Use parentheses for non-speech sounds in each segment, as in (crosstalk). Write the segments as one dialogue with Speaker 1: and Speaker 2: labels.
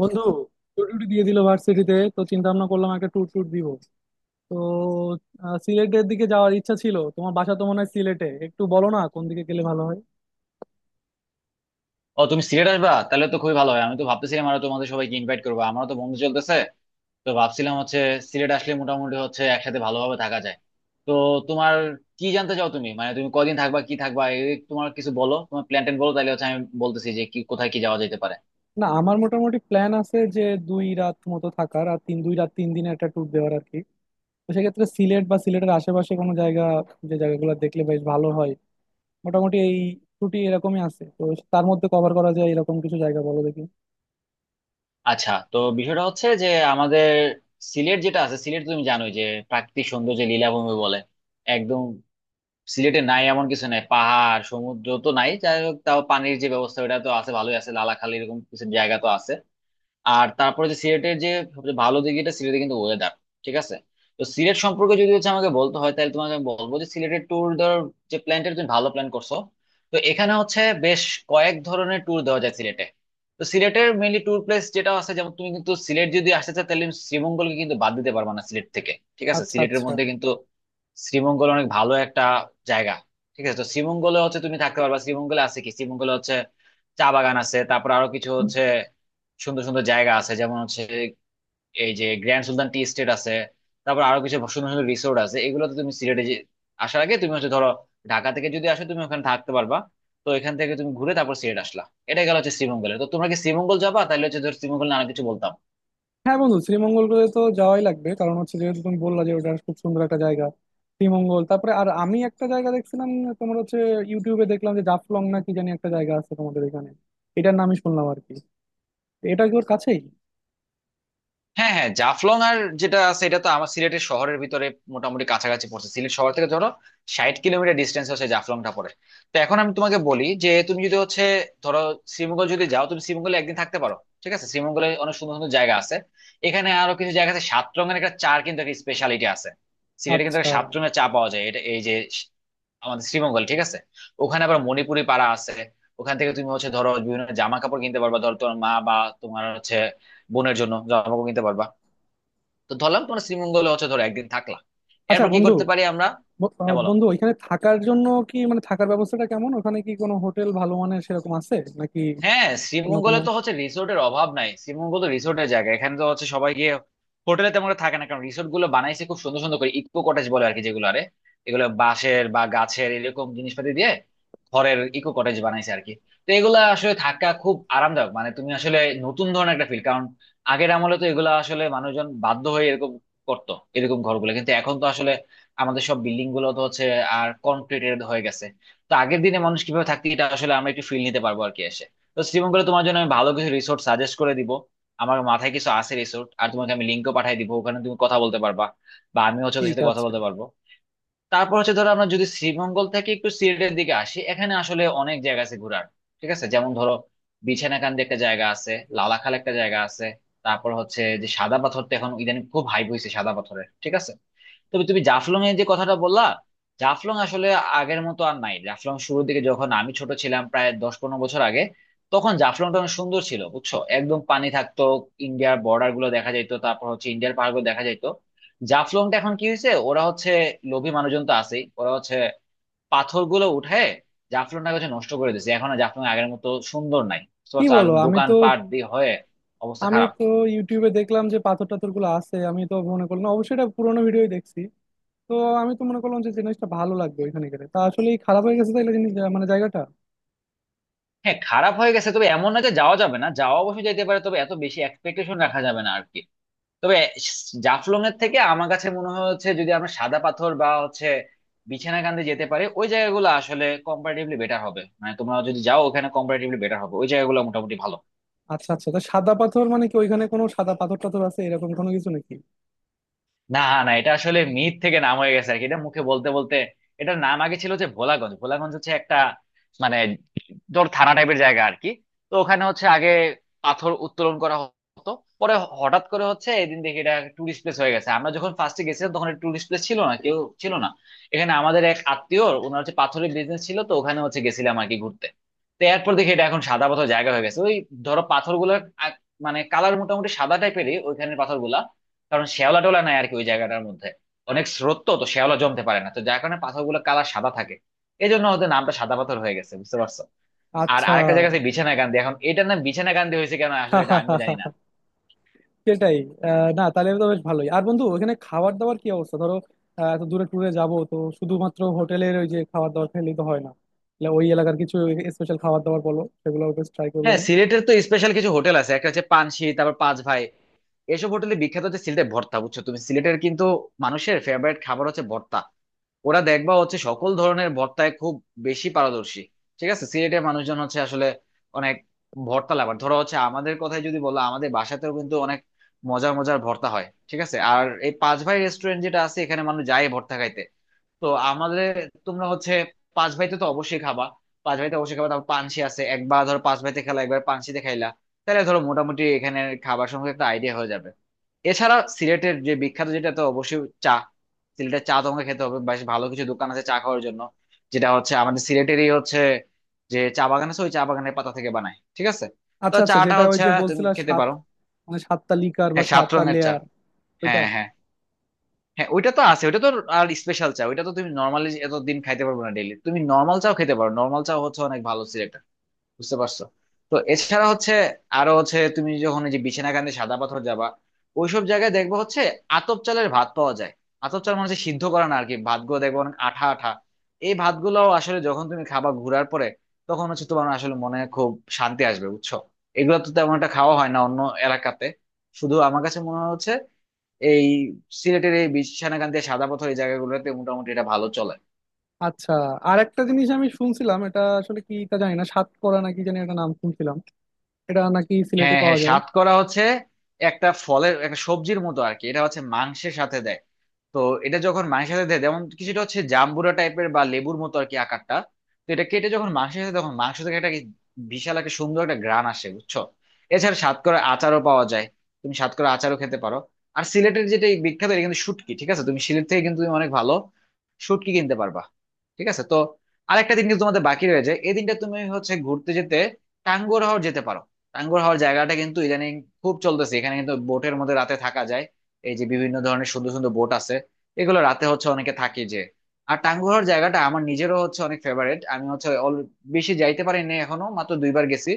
Speaker 1: বন্ধু টুর টুটি দিয়ে দিল ভার্সিটিতে, তো চিন্তা ভাবনা করলাম একটা ট্যুর ট্যুর দিব। তো সিলেটের দিকে যাওয়ার ইচ্ছা ছিল। তোমার বাসা তো মনে হয় সিলেটে, একটু বলো না কোন দিকে গেলে ভালো হয়।
Speaker 2: ও তুমি সিলেট আসবা তাহলে তো খুবই ভালো হয়। আমি তো ভাবতেছিলাম আরো তোমাদের সবাইকে ইনভাইট করবো, আমারও তো বন্ধু চলতেছে তো ভাবছিলাম হচ্ছে সিলেট আসলে মোটামুটি হচ্ছে একসাথে ভালোভাবে থাকা যায়। তো তোমার কি জানতে চাও তুমি, মানে তুমি কদিন থাকবা কি থাকবা এই তোমার কিছু বলো, তোমার প্ল্যান ট্যান বলো তাহলে হচ্ছে আমি বলতেছি যে কি কোথায় কি যাওয়া যেতে পারে।
Speaker 1: না আমার মোটামুটি প্ল্যান আছে যে দুই রাত মতো থাকার, আর দুই রাত তিন দিনের একটা ট্যুর দেওয়ার আর কি। তো সেক্ষেত্রে সিলেট বা সিলেটের আশেপাশে কোনো জায়গা, যে জায়গাগুলো দেখলে বেশ ভালো হয়। মোটামুটি এই ছুটি এরকমই আছে তো, তার মধ্যে কভার করা যায় এরকম কিছু জায়গা বলো দেখি।
Speaker 2: আচ্ছা তো বিষয়টা হচ্ছে যে আমাদের সিলেট যেটা আছে সিলেট তুমি জানোই যে প্রাকৃতিক সৌন্দর্যে লীলাভূমি বলে একদম সিলেটে নাই এমন কিছু নাই, পাহাড় সমুদ্র তো নাই, যাই হোক তাও পানির যে ব্যবস্থা ওটা তো আছে ভালোই আছে, লালাখালি এরকম কিছু জায়গা তো আছে। আর তারপরে যে সিলেটের যে সবচেয়ে ভালো দিক যেটা সিলেটে কিন্তু ওয়েদার ঠিক আছে। তো সিলেট সম্পর্কে যদি হচ্ছে আমাকে বলতে হয় তাহলে তোমাকে আমি বলবো যে সিলেটের ট্যুর ধর, যে প্ল্যানটা তুমি ভালো প্ল্যান করছো। তো এখানে হচ্ছে বেশ কয়েক ধরনের ট্যুর দেওয়া যায় সিলেটে। তো সিলেটের মেইনলি ট্যুর প্লেস যেটা আছে, যেমন তুমি কিন্তু সিলেট যদি আসতে চাও তাহলে তুমি শ্রীমঙ্গলকে কিন্তু বাদ দিতে পারবা না সিলেট থেকে, ঠিক আছে,
Speaker 1: আচ্ছা
Speaker 2: সিলেটের
Speaker 1: আচ্ছা।
Speaker 2: মধ্যে কিন্তু শ্রীমঙ্গল অনেক ভালো একটা জায়গা, ঠিক আছে। তো শ্রীমঙ্গলে হচ্ছে তুমি থাকতে পারবা, শ্রীমঙ্গলে আছে কি, শ্রীমঙ্গলে হচ্ছে চা বাগান আছে, তারপর আরো কিছু হচ্ছে সুন্দর সুন্দর জায়গা আছে, যেমন হচ্ছে এই যে গ্র্যান্ড সুলতান টি এস্টেট আছে, তারপর আরো কিছু সুন্দর সুন্দর রিসোর্ট আছে, এগুলোতে তুমি সিলেটে আসার আগে তুমি হচ্ছে ধরো ঢাকা থেকে যদি আসো তুমি ওখানে থাকতে পারবা। তো এখান থেকে তুমি ঘুরে তারপর সিলেট আসলা। এটা গেল হচ্ছে শ্রীমঙ্গলে। তো তোমরা কি শ্রীমঙ্গল যাবা তাহলে হচ্ছে ধর শ্রীমঙ্গল নিয়ে অনেক কিছু বলতাম।
Speaker 1: হ্যাঁ বন্ধু, শ্রীমঙ্গল করে তো যাওয়াই লাগবে, কারণ হচ্ছে যেহেতু তুমি বললা যে ওটা খুব সুন্দর একটা জায়গা। শ্রীমঙ্গল, তারপরে আর আমি একটা জায়গা দেখছিলাম তোমার হচ্ছে, ইউটিউবে দেখলাম যে জাফলং না কি জানি একটা জায়গা আছে তোমাদের এখানে। এটার নামই শুনলাম আর কি। এটা কি ওর কাছেই?
Speaker 2: হ্যাঁ হ্যাঁ, জাফলং আর যেটা আছে এটা তো আমার সিলেটের শহরের ভিতরে মোটামুটি কাছাকাছি পড়ছে, সিলেট শহর থেকে ধরো 60 কিলোমিটার ডিস্টেন্স হচ্ছে জাফলংটা পড়ে। তো এখন আমি তোমাকে বলি যে তুমি যদি হচ্ছে ধরো শ্রীমঙ্গল যদি যাও তুমি শ্রীমঙ্গলে একদিন থাকতে পারো, ঠিক আছে, শ্রীমঙ্গলে অনেক সুন্দর সুন্দর জায়গা আছে, এখানে আরো কিছু জায়গা আছে, সাত রঙের একটা চার কিন্তু একটা স্পেশালিটি আছে সিলেটে, কিন্তু
Speaker 1: আচ্ছা
Speaker 2: একটা সাত রঙের চা পাওয়া যায়, এটা এই যে আমাদের শ্রীমঙ্গল, ঠিক আছে। ওখানে আবার মণিপুরি পাড়া আছে, ওখান থেকে তুমি হচ্ছে ধরো বিভিন্ন জামা কাপড় কিনতে পারবা, ধরো তোমার মা বা তোমার হচ্ছে বোনের জন্য জামা কাপড় কিনতে পারবা। তো ধরলাম তোমরা শ্রীমঙ্গলে হচ্ছে ধরো একদিন থাকলা,
Speaker 1: আচ্ছা।
Speaker 2: এরপর কি
Speaker 1: বন্ধু,
Speaker 2: করতে পারি আমরা। হ্যাঁ বলো।
Speaker 1: বন্ধু ওইখানে থাকার জন্য কি মানে থাকার ব্যবস্থাটা কেমন? ওখানে কি কোনো হোটেল ভালো মানের সেরকম আছে নাকি
Speaker 2: হ্যাঁ
Speaker 1: অন্য কোনো?
Speaker 2: শ্রীমঙ্গলে তো হচ্ছে রিসোর্টের অভাব নাই, শ্রীমঙ্গল তো রিসোর্টের জায়গা, এখানে তো হচ্ছে সবাই গিয়ে হোটেলে তেমন একটা থাকে না কারণ রিসোর্ট গুলো বানাইছে খুব সুন্দর সুন্দর করে, ইকো কটেজ বলে আর কি যেগুলো, আরে এগুলো বাঁশের বা গাছের এরকম জিনিসপাতি দিয়ে ঘরের ইকো কটেজ বানাইছে আর কি। তো এগুলা আসলে থাকা খুব আরামদায়ক, মানে তুমি আসলে নতুন ধরনের একটা ফিল, কারণ আগের আমলে তো এগুলা আসলে মানুষজন বাধ্য হয়ে এরকম করতো এরকম ঘরগুলো, কিন্তু এখন তো আসলে আমাদের সব বিল্ডিং গুলো তো হচ্ছে আর কনক্রিটেড হয়ে গেছে। তো আগের দিনে মানুষ কিভাবে থাকতো এটা আসলে আমরা একটু ফিল নিতে পারবো আর কি। তো শ্রীমঙ্গলে তোমার জন্য আমি ভালো কিছু রিসোর্ট সাজেস্ট করে দিব, আমার মাথায় কিছু আছে রিসোর্ট, আর তোমাকে আমি লিঙ্কও পাঠিয়ে দিব, ওখানে তুমি কথা বলতে পারবা বা আমি হচ্ছে ওদের
Speaker 1: ঠিক
Speaker 2: সাথে কথা
Speaker 1: আছে।
Speaker 2: বলতে পারবো। তারপর হচ্ছে ধরো আমরা যদি শ্রীমঙ্গল থেকে একটু সিলেটের দিকে আসি, এখানে আসলে অনেক জায়গা আছে ঘোরার, ঠিক আছে, যেমন ধরো বিছানাকান্দি একটা জায়গা আছে, লালাখাল একটা জায়গা আছে, তারপর হচ্ছে যে সাদা পাথরটা এখন ইদানিং খুব হাইপ হয়েছে সাদা পাথরের, ঠিক আছে। তবে তুমি জাফলং এর যে কথাটা বললা, জাফলং আসলে আগের মতো আর নাই। জাফলং শুরুর দিকে যখন আমি ছোট ছিলাম, প্রায় 10-15 বছর আগে, তখন জাফলংটা অনেক সুন্দর ছিল, বুঝছো, একদম পানি থাকতো, ইন্ডিয়ার বর্ডার গুলো দেখা যাইতো, তারপর হচ্ছে ইন্ডিয়ার পাহাড় গুলো দেখা যাইতো। জাফলংটা এখন কি হয়েছে, ওরা হচ্ছে লোভী মানুষজন তো আছেই, ওরা হচ্ছে পাথর গুলো উঠে জাফলংটাকে হচ্ছে নষ্ট করে দিয়েছে, এখন আর জাফলং আগের মতো সুন্দর নাই, বুঝতে
Speaker 1: কি
Speaker 2: পারছো? আর
Speaker 1: বলো! আমি তো
Speaker 2: দোকানপাট দিয়ে হয়ে অবস্থা
Speaker 1: আমি
Speaker 2: খারাপ।
Speaker 1: তো ইউটিউবে দেখলাম যে পাথর টাথর গুলো আছে, আমি তো মনে করলাম অবশ্যই এটা পুরোনো ভিডিওই দেখছি। তো আমি তো মনে করলাম যে জিনিসটা ভালো লাগবে ওইখানে গেলে, তা আসলেই খারাপ হয়ে গেছে তাইলে জিনিস মানে জায়গাটা।
Speaker 2: হ্যাঁ খারাপ হয়ে গেছে, তবে এমন না যে যাওয়া যাবে না, যাওয়া অবশ্যই যেতে পারে, তবে এত বেশি এক্সপেকটেশন রাখা যাবে না আর কি। তবে জাফলং এর থেকে আমার কাছে মনে হচ্ছে যদি আমরা সাদা পাথর বা হচ্ছে বিছানাকান্দি যেতে পারি, ওই জায়গাগুলো আসলে কম্পারেটিভলি বেটার হবে, মানে তোমরা যদি যাও ওখানে কম্পারেটিভলি বেটার হবে, ওই জায়গাগুলো মোটামুটি ভালো।
Speaker 1: আচ্ছা আচ্ছা, তা সাদা পাথর মানে কি ওইখানে কোনো সাদা পাথর টাথর আছে এরকম কোনো কিছু নাকি?
Speaker 2: না, না এটা আসলে মিথ থেকে নাম হয়ে গেছে আর কি, এটা মুখে বলতে বলতে। এটার নাম আগে ছিল যে ভোলাগঞ্জ, ভোলাগঞ্জ হচ্ছে একটা মানে ধর থানা টাইপের জায়গা আর কি। তো ওখানে হচ্ছে আগে পাথর উত্তোলন করা হতো, পরে হঠাৎ করে হচ্ছে এদিন দেখি এটা টুরিস্ট প্লেস হয়ে গেছে। আমরা যখন ফার্স্টে গেছিলাম তখন টুরিস্ট প্লেস ছিল না, কেউ ছিল না, এখানে আমাদের এক আত্মীয় ওনার হচ্ছে পাথরের বিজনেস ছিল, তো ওখানে হচ্ছে গেছিলাম আর কি ঘুরতে। তো এরপর দেখি এটা এখন সাদা পাথর জায়গা হয়ে গেছে, ওই ধরো পাথরগুলো মানে কালার মোটামুটি সাদা টাইপেরই ওইখানের পাথরগুলা, কারণ শ্যাওলা টোলা নাই আর কি ওই জায়গাটার মধ্যে, অনেক স্রোত তো তো শ্যাওলা জমতে পারে না, তো যার কারণে পাথরগুলো কালার সাদা থাকে, এই জন্য ওদের নামটা সাদা পাথর হয়ে গেছে, বুঝতে পারছো। আর
Speaker 1: আচ্ছা।
Speaker 2: আরেকটা জায়গা আছে বিছানা গান্ধী, এখন এটার নাম বিছানা গান্ধী হয়েছে কেন আসলে এটা আমিও জানি না।
Speaker 1: (laughs) সেটাই। আহ, না, তাহলে তো বেশ ভালোই। আর বন্ধু, ওখানে খাবার দাবার কি অবস্থা, ধরো এত দূরে ট্যুরে যাব তো শুধুমাত্র হোটেলের ওই যে খাবার দাবার খেলেই তো হয় না। তাহলে ওই এলাকার কিছু স্পেশাল খাবার দাবার বলো, সেগুলো বেশ ট্রাই করবো
Speaker 2: হ্যাঁ
Speaker 1: না?
Speaker 2: সিলেটের তো স্পেশাল কিছু হোটেল আছে, একটা হচ্ছে পানসি, তারপর পাঁচ ভাই। এসব হোটেলে বিখ্যাত হচ্ছে সিলেটের ভর্তা, বুঝছো, তুমি সিলেটের কিন্তু মানুষের ফেভারিট খাবার হচ্ছে ভর্তা, ওরা দেখবা হচ্ছে সকল ধরনের ভর্তায় খুব বেশি পারদর্শী, ঠিক আছে। সিলেটের মানুষজন হচ্ছে আসলে অনেক ভর্তা লাভার, ধরো হচ্ছে আমাদের কথাই যদি বলো আমাদের বাসাতেও কিন্তু অনেক মজার মজার ভর্তা হয়, ঠিক আছে, আর এই পাঁচ ভাই রেস্টুরেন্ট যেটা আছে এখানে মানুষ যায় ভর্তা খাইতে। তো আমাদের তোমরা হচ্ছে পাঁচ ভাইতে তো অবশ্যই খাবা, পাঁচ ভাইতে অবশ্যই খাবা, তারপর পানসি আছে, একবার ধরো পাঁচ ভাইতে খেলা একবার পানসিতে খাইলা, তাহলে ধরো মোটামুটি এখানে খাবার সম্পর্কে একটা আইডিয়া হয়ে যাবে। এছাড়া সিলেটের যে বিখ্যাত যেটা তো অবশ্যই চা, সিলেটের চা তোমাকে খেতে হবে, বেশ ভালো কিছু দোকান আছে চা খাওয়ার জন্য, যেটা হচ্ছে আমাদের সিলেটেরই হচ্ছে যে চা বাগান আছে ওই চা বাগানের পাতা থেকে বানায়, ঠিক আছে, তো
Speaker 1: আচ্ছা আচ্ছা,
Speaker 2: চাটা
Speaker 1: যেটা ওই
Speaker 2: হচ্ছে
Speaker 1: যে
Speaker 2: তুমি
Speaker 1: বলছিলা
Speaker 2: খেতে
Speaker 1: সাত,
Speaker 2: পারো।
Speaker 1: মানে সাতটা লিকার বা
Speaker 2: হ্যাঁ সাত
Speaker 1: সাতটা
Speaker 2: রঙের চা।
Speaker 1: লেয়ার? ওইটা।
Speaker 2: হ্যাঁ হ্যাঁ হ্যাঁ, ওইটা তো আছে ওইটা তো। আর স্পেশাল চা ওইটা তো তুমি নর্মালি এতদিন খাইতে পারবে না, ডেইলি তুমি নর্মাল চাও খেতে পারো, নর্মাল চা হচ্ছে অনেক ভালো সিলেক্টর, বুঝতে পারছো। তো এছাড়া হচ্ছে আরো হচ্ছে তুমি যখন এই যে বিছনাকান্দি সাদা পাথর যাবা, ওইসব জায়গায় দেখবো হচ্ছে আতপ চালের ভাত পাওয়া যায়, আতপ চাল মানে হচ্ছে সিদ্ধ করা না আর কি, ভাতগুলো দেখবো অনেক আঠা আঠা, এই ভাতগুলো আসলে যখন তুমি খাবা ঘুরার পরে তখন হচ্ছে তোমার আসলে মনে খুব শান্তি আসবে, বুঝছো, এগুলো তো তেমন একটা খাওয়া হয় না অন্য এলাকাতে, শুধু আমার কাছে মনে হচ্ছে এই সিলেটের এই বিছনাকান্দি সাদা পাথর এই জায়গাগুলোতে মোটামুটি এটা ভালো চলে।
Speaker 1: আচ্ছা। আর একটা জিনিস আমি শুনছিলাম, এটা আসলে কি তা জানি না, সাতকরা নাকি জানি একটা নাম শুনছিলাম। এটা নাকি সিলেটে
Speaker 2: হ্যাঁ
Speaker 1: পাওয়া
Speaker 2: হ্যাঁ,
Speaker 1: যায়?
Speaker 2: সাতকরা হচ্ছে একটা ফলের একটা সবজির মতো আর কি, এটা হচ্ছে মাংসের সাথে দেয়। তো এটা যখন মাংসের সাথে দেয় যেমন কিছুটা হচ্ছে জাম্বুরা টাইপের বা লেবুর মতো আর কি আকারটা, তো এটা কেটে যখন মাংসের সাথে তখন মাংস থেকে একটা বিশাল একটা সুন্দর একটা গ্রান আসে, বুঝছো। এছাড়া সাতকরা আচারও পাওয়া যায়, তুমি সাতকরা আচারও খেতে পারো। আর সিলেটের যেটা এই বিখ্যাত এটা কিন্তু শুটকি, ঠিক আছে, তুমি সিলেট থেকে কিন্তু তুমি অনেক ভালো শুটকি কিনতে পারবা, ঠিক আছে। তো আরেকটা দিন কিন্তু তোমাদের বাকি রয়েছে, এই দিনটা তুমি হচ্ছে ঘুরতে যেতে টাঙ্গুয়ার হাওর যেতে পারো, টাঙ্গুয়ার হাওর জায়গাটা কিন্তু ইদানিং খুব চলতেছে, এখানে কিন্তু বোটের মধ্যে রাতে থাকা যায়, এই যে বিভিন্ন ধরনের সুন্দর সুন্দর বোট আছে এগুলো রাতে হচ্ছে অনেকে থাকি যে। আর টাঙ্গুয়ার জায়গাটা আমার নিজেরও হচ্ছে অনেক ফেভারিট, আমি হচ্ছে বেশি যাইতে পারিনি এখনো, মাত্র 2 বার গেছি।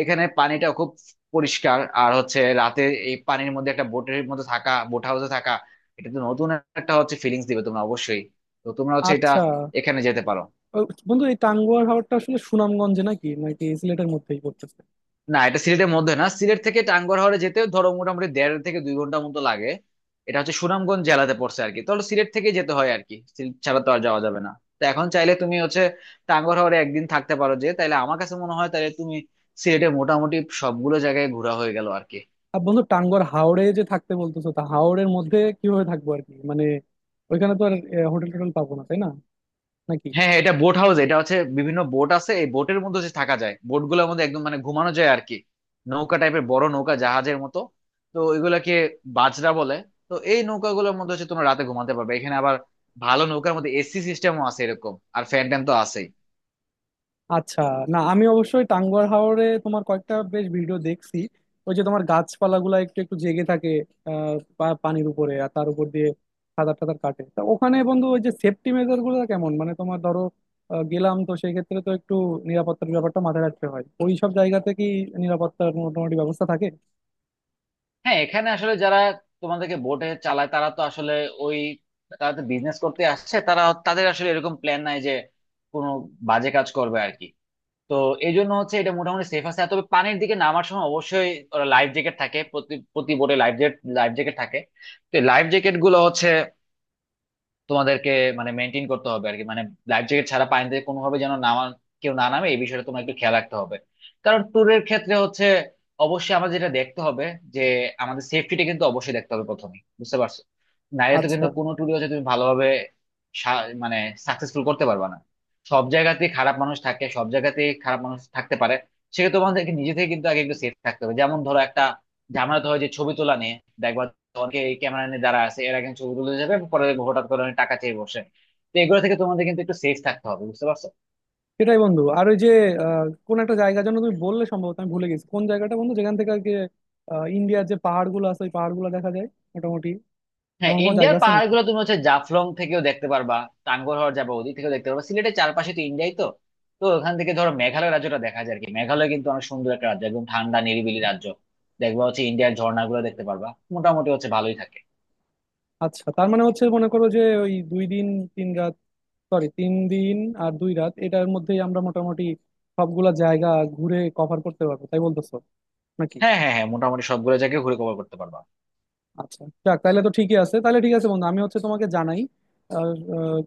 Speaker 2: এখানে পানিটা খুব পরিষ্কার, আর হচ্ছে রাতে এই পানির মধ্যে একটা বোটের মধ্যে থাকা বোট হাউসে থাকা এটা তো নতুন একটা হচ্ছে ফিলিংস দিবে তোমরা অবশ্যই, তো তোমরা হচ্ছে এটা
Speaker 1: আচ্ছা।
Speaker 2: এখানে যেতে পারো।
Speaker 1: ও, বন্ধু এই টাঙ্গুয়ার হাওরটা আসলে সুনামগঞ্জে নাকি নাকি সিলেটের মধ্যেই পড়তেছে?
Speaker 2: না এটা সিলেটের মধ্যে না, সিলেট থেকে টাঙ্গুয়ার হাওরে যেতে ধরো মোটামুটি দেড় থেকে 2 ঘন্টা মতো লাগে, এটা হচ্ছে সুনামগঞ্জ জেলাতে পড়ছে আর কি, তাহলে সিলেট থেকে যেতে হয় আর কি, সিলেট ছাড়া তো আর যাওয়া যাবে না। তো এখন চাইলে তুমি হচ্ছে টাঙ্গুয়ার হাওরে একদিন থাকতে পারো, যে তাইলে আমার কাছে মনে হয় তাহলে তুমি সিলেটে মোটামুটি সবগুলো জায়গায় ঘোরা হয়ে গেল আর কি।
Speaker 1: আর বন্ধু, টাঙ্গুয়ার হাওরে যে থাকতে বলতেছো, তা হাওরের মধ্যে কিভাবে থাকবো আর কি, মানে ওইখানে তো আর হোটেল টোটেল পাবো না তাই না, নাকি?
Speaker 2: হ্যাঁ হ্যাঁ, এটা বোট হাউস, এটা হচ্ছে বিভিন্ন বোট আছে এই বোটের মধ্যে হচ্ছে থাকা যায়, বোট গুলোর মধ্যে একদম মানে ঘুমানো যায় আর কি, নৌকা টাইপের বড় নৌকা জাহাজের মতো, তো ওইগুলাকে বাজরা বলে। তো এই নৌকাগুলোর মধ্যে হচ্ছে তোমরা রাতে ঘুমাতে পারবে, এখানে আবার ভালো নৌকার মধ্যে এসি সিস্টেমও আছে এরকম, আর ফ্যান ট্যান তো আছেই।
Speaker 1: আচ্ছা। না আমি অবশ্যই টাঙ্গুয়ার হাওরে তোমার কয়েকটা বেশ ভিডিও দেখছি। ওই যে তোমার গাছপালাগুলা একটু একটু জেগে থাকে পানির উপরে, আর তার উপর দিয়ে সাঁতার টাতার কাটে। তা ওখানে বন্ধু, ওই যে সেফটি মেজার গুলো কেমন? মানে তোমার ধরো গেলাম, তো সেই ক্ষেত্রে তো একটু নিরাপত্তার ব্যাপারটা মাথায় রাখতে হয়। ওই সব জায়গাতে কি নিরাপত্তার মোটামুটি ব্যবস্থা থাকে?
Speaker 2: হ্যাঁ এখানে আসলে যারা তোমাদেরকে বোটে চালায় তারা তো আসলে ওই, তারা তো বিজনেস করতে আসছে, তারা তাদের আসলে এরকম প্ল্যান নাই যে কোনো বাজে কাজ করবে আর কি, তো এই জন্য হচ্ছে এটা মোটামুটি সেফ আছে। আর তবে পানির দিকে নামার সময় অবশ্যই লাইফ জ্যাকেট থাকে, প্রতি প্রতি বোটে লাইফ জ্যাকেট থাকে, তো লাইফ জ্যাকেট গুলো হচ্ছে তোমাদেরকে মানে মেনটেন করতে হবে আর কি, মানে লাইফ জ্যাকেট ছাড়া পানিতে কোনোভাবে যেন নামা কেউ না নামে এই বিষয়টা তোমার একটু খেয়াল রাখতে হবে, কারণ ট্যুরের ক্ষেত্রে হচ্ছে অবশ্যই আমাদের যেটা দেখতে হবে যে আমাদের সেফটিটা কিন্তু অবশ্যই দেখতে হবে প্রথমে, বুঝতে পারছো, নাহলে তো
Speaker 1: আচ্ছা
Speaker 2: কিন্তু কোনো ট্যুরে হচ্ছে তুমি ভালোভাবে মানে সাকসেসফুল করতে পারবে না। সব জায়গাতেই খারাপ মানুষ থাকে, সব জায়গাতেই খারাপ মানুষ থাকতে পারে, সেক্ষেত্রে তোমাদেরকে নিজে থেকে কিন্তু আগে একটু সেফ থাকতে হবে, যেমন ধরো একটা ঝামেলা তো হয় যে ছবি তোলা নিয়ে, দেখবা অনেকে এই ক্যামেরা নিয়ে দাঁড়া আছে, এরা কিন্তু ছবি তুলে যাবে, পরে দেখবো হঠাৎ করে অনেক টাকা চেয়ে বসে, তো এগুলো থেকে তোমাদের কিন্তু একটু সেফ থাকতে হবে, বুঝতে পারছো।
Speaker 1: সেটাই বন্ধু। আর ওই যে কোন একটা জায়গার জন্য তুমি বললে, সম্ভবত আমি ভুলে গেছি কোন জায়গাটা বন্ধু, যেখান থেকে আর কি ইন্ডিয়ার যে পাহাড়গুলো আছে ওই পাহাড়গুলো দেখা যায় মোটামুটি।
Speaker 2: হ্যাঁ
Speaker 1: এমন কোনো
Speaker 2: ইন্ডিয়ার
Speaker 1: জায়গা আছে
Speaker 2: পাহাড়
Speaker 1: নাকি?
Speaker 2: গুলো তুমি হচ্ছে জাফলং থেকেও দেখতে পারবা, টাঙ্গুয়ার যাবে ওদিক থেকেও দেখতে পারবা, সিলেটের চারপাশে তো ইন্ডিয়াই তো, তো ওখান থেকে ধরো মেঘালয় রাজ্যটা দেখা যায় আর কি, মেঘালয় কিন্তু অনেক সুন্দর একটা রাজ্য একদম ঠান্ডা নিরিবিলি রাজ্য, দেখবা হচ্ছে ইন্ডিয়ার ঝর্ণাগুলো দেখতে পারবা, মোটামুটি হচ্ছে ভালোই থাকে।
Speaker 1: আচ্ছা, তার মানে হচ্ছে মনে করো যে ওই দুই দিন তিন রাত, সরি তিন দিন আর দুই রাত, এটার মধ্যেই আমরা মোটামুটি সবগুলা জায়গা ঘুরে কভার করতে পারবো তাই বলতেছো নাকি?
Speaker 2: হ্যাঁ হ্যাঁ হ্যাঁ, মোটামুটি সবগুলো জায়গায় ঘুরে কভার করতে পারবা,
Speaker 1: আচ্ছা যাক, তাহলে তো ঠিকই আছে। তাহলে ঠিক আছে বন্ধু, আমি হচ্ছে তোমাকে জানাই আর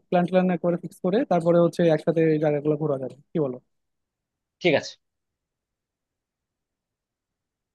Speaker 1: প্ল্যান ট্যান করে ফিক্স করে তারপরে হচ্ছে একসাথে এই জায়গাগুলো ঘোরা যাবে, কি বলো?
Speaker 2: ঠিক আছে।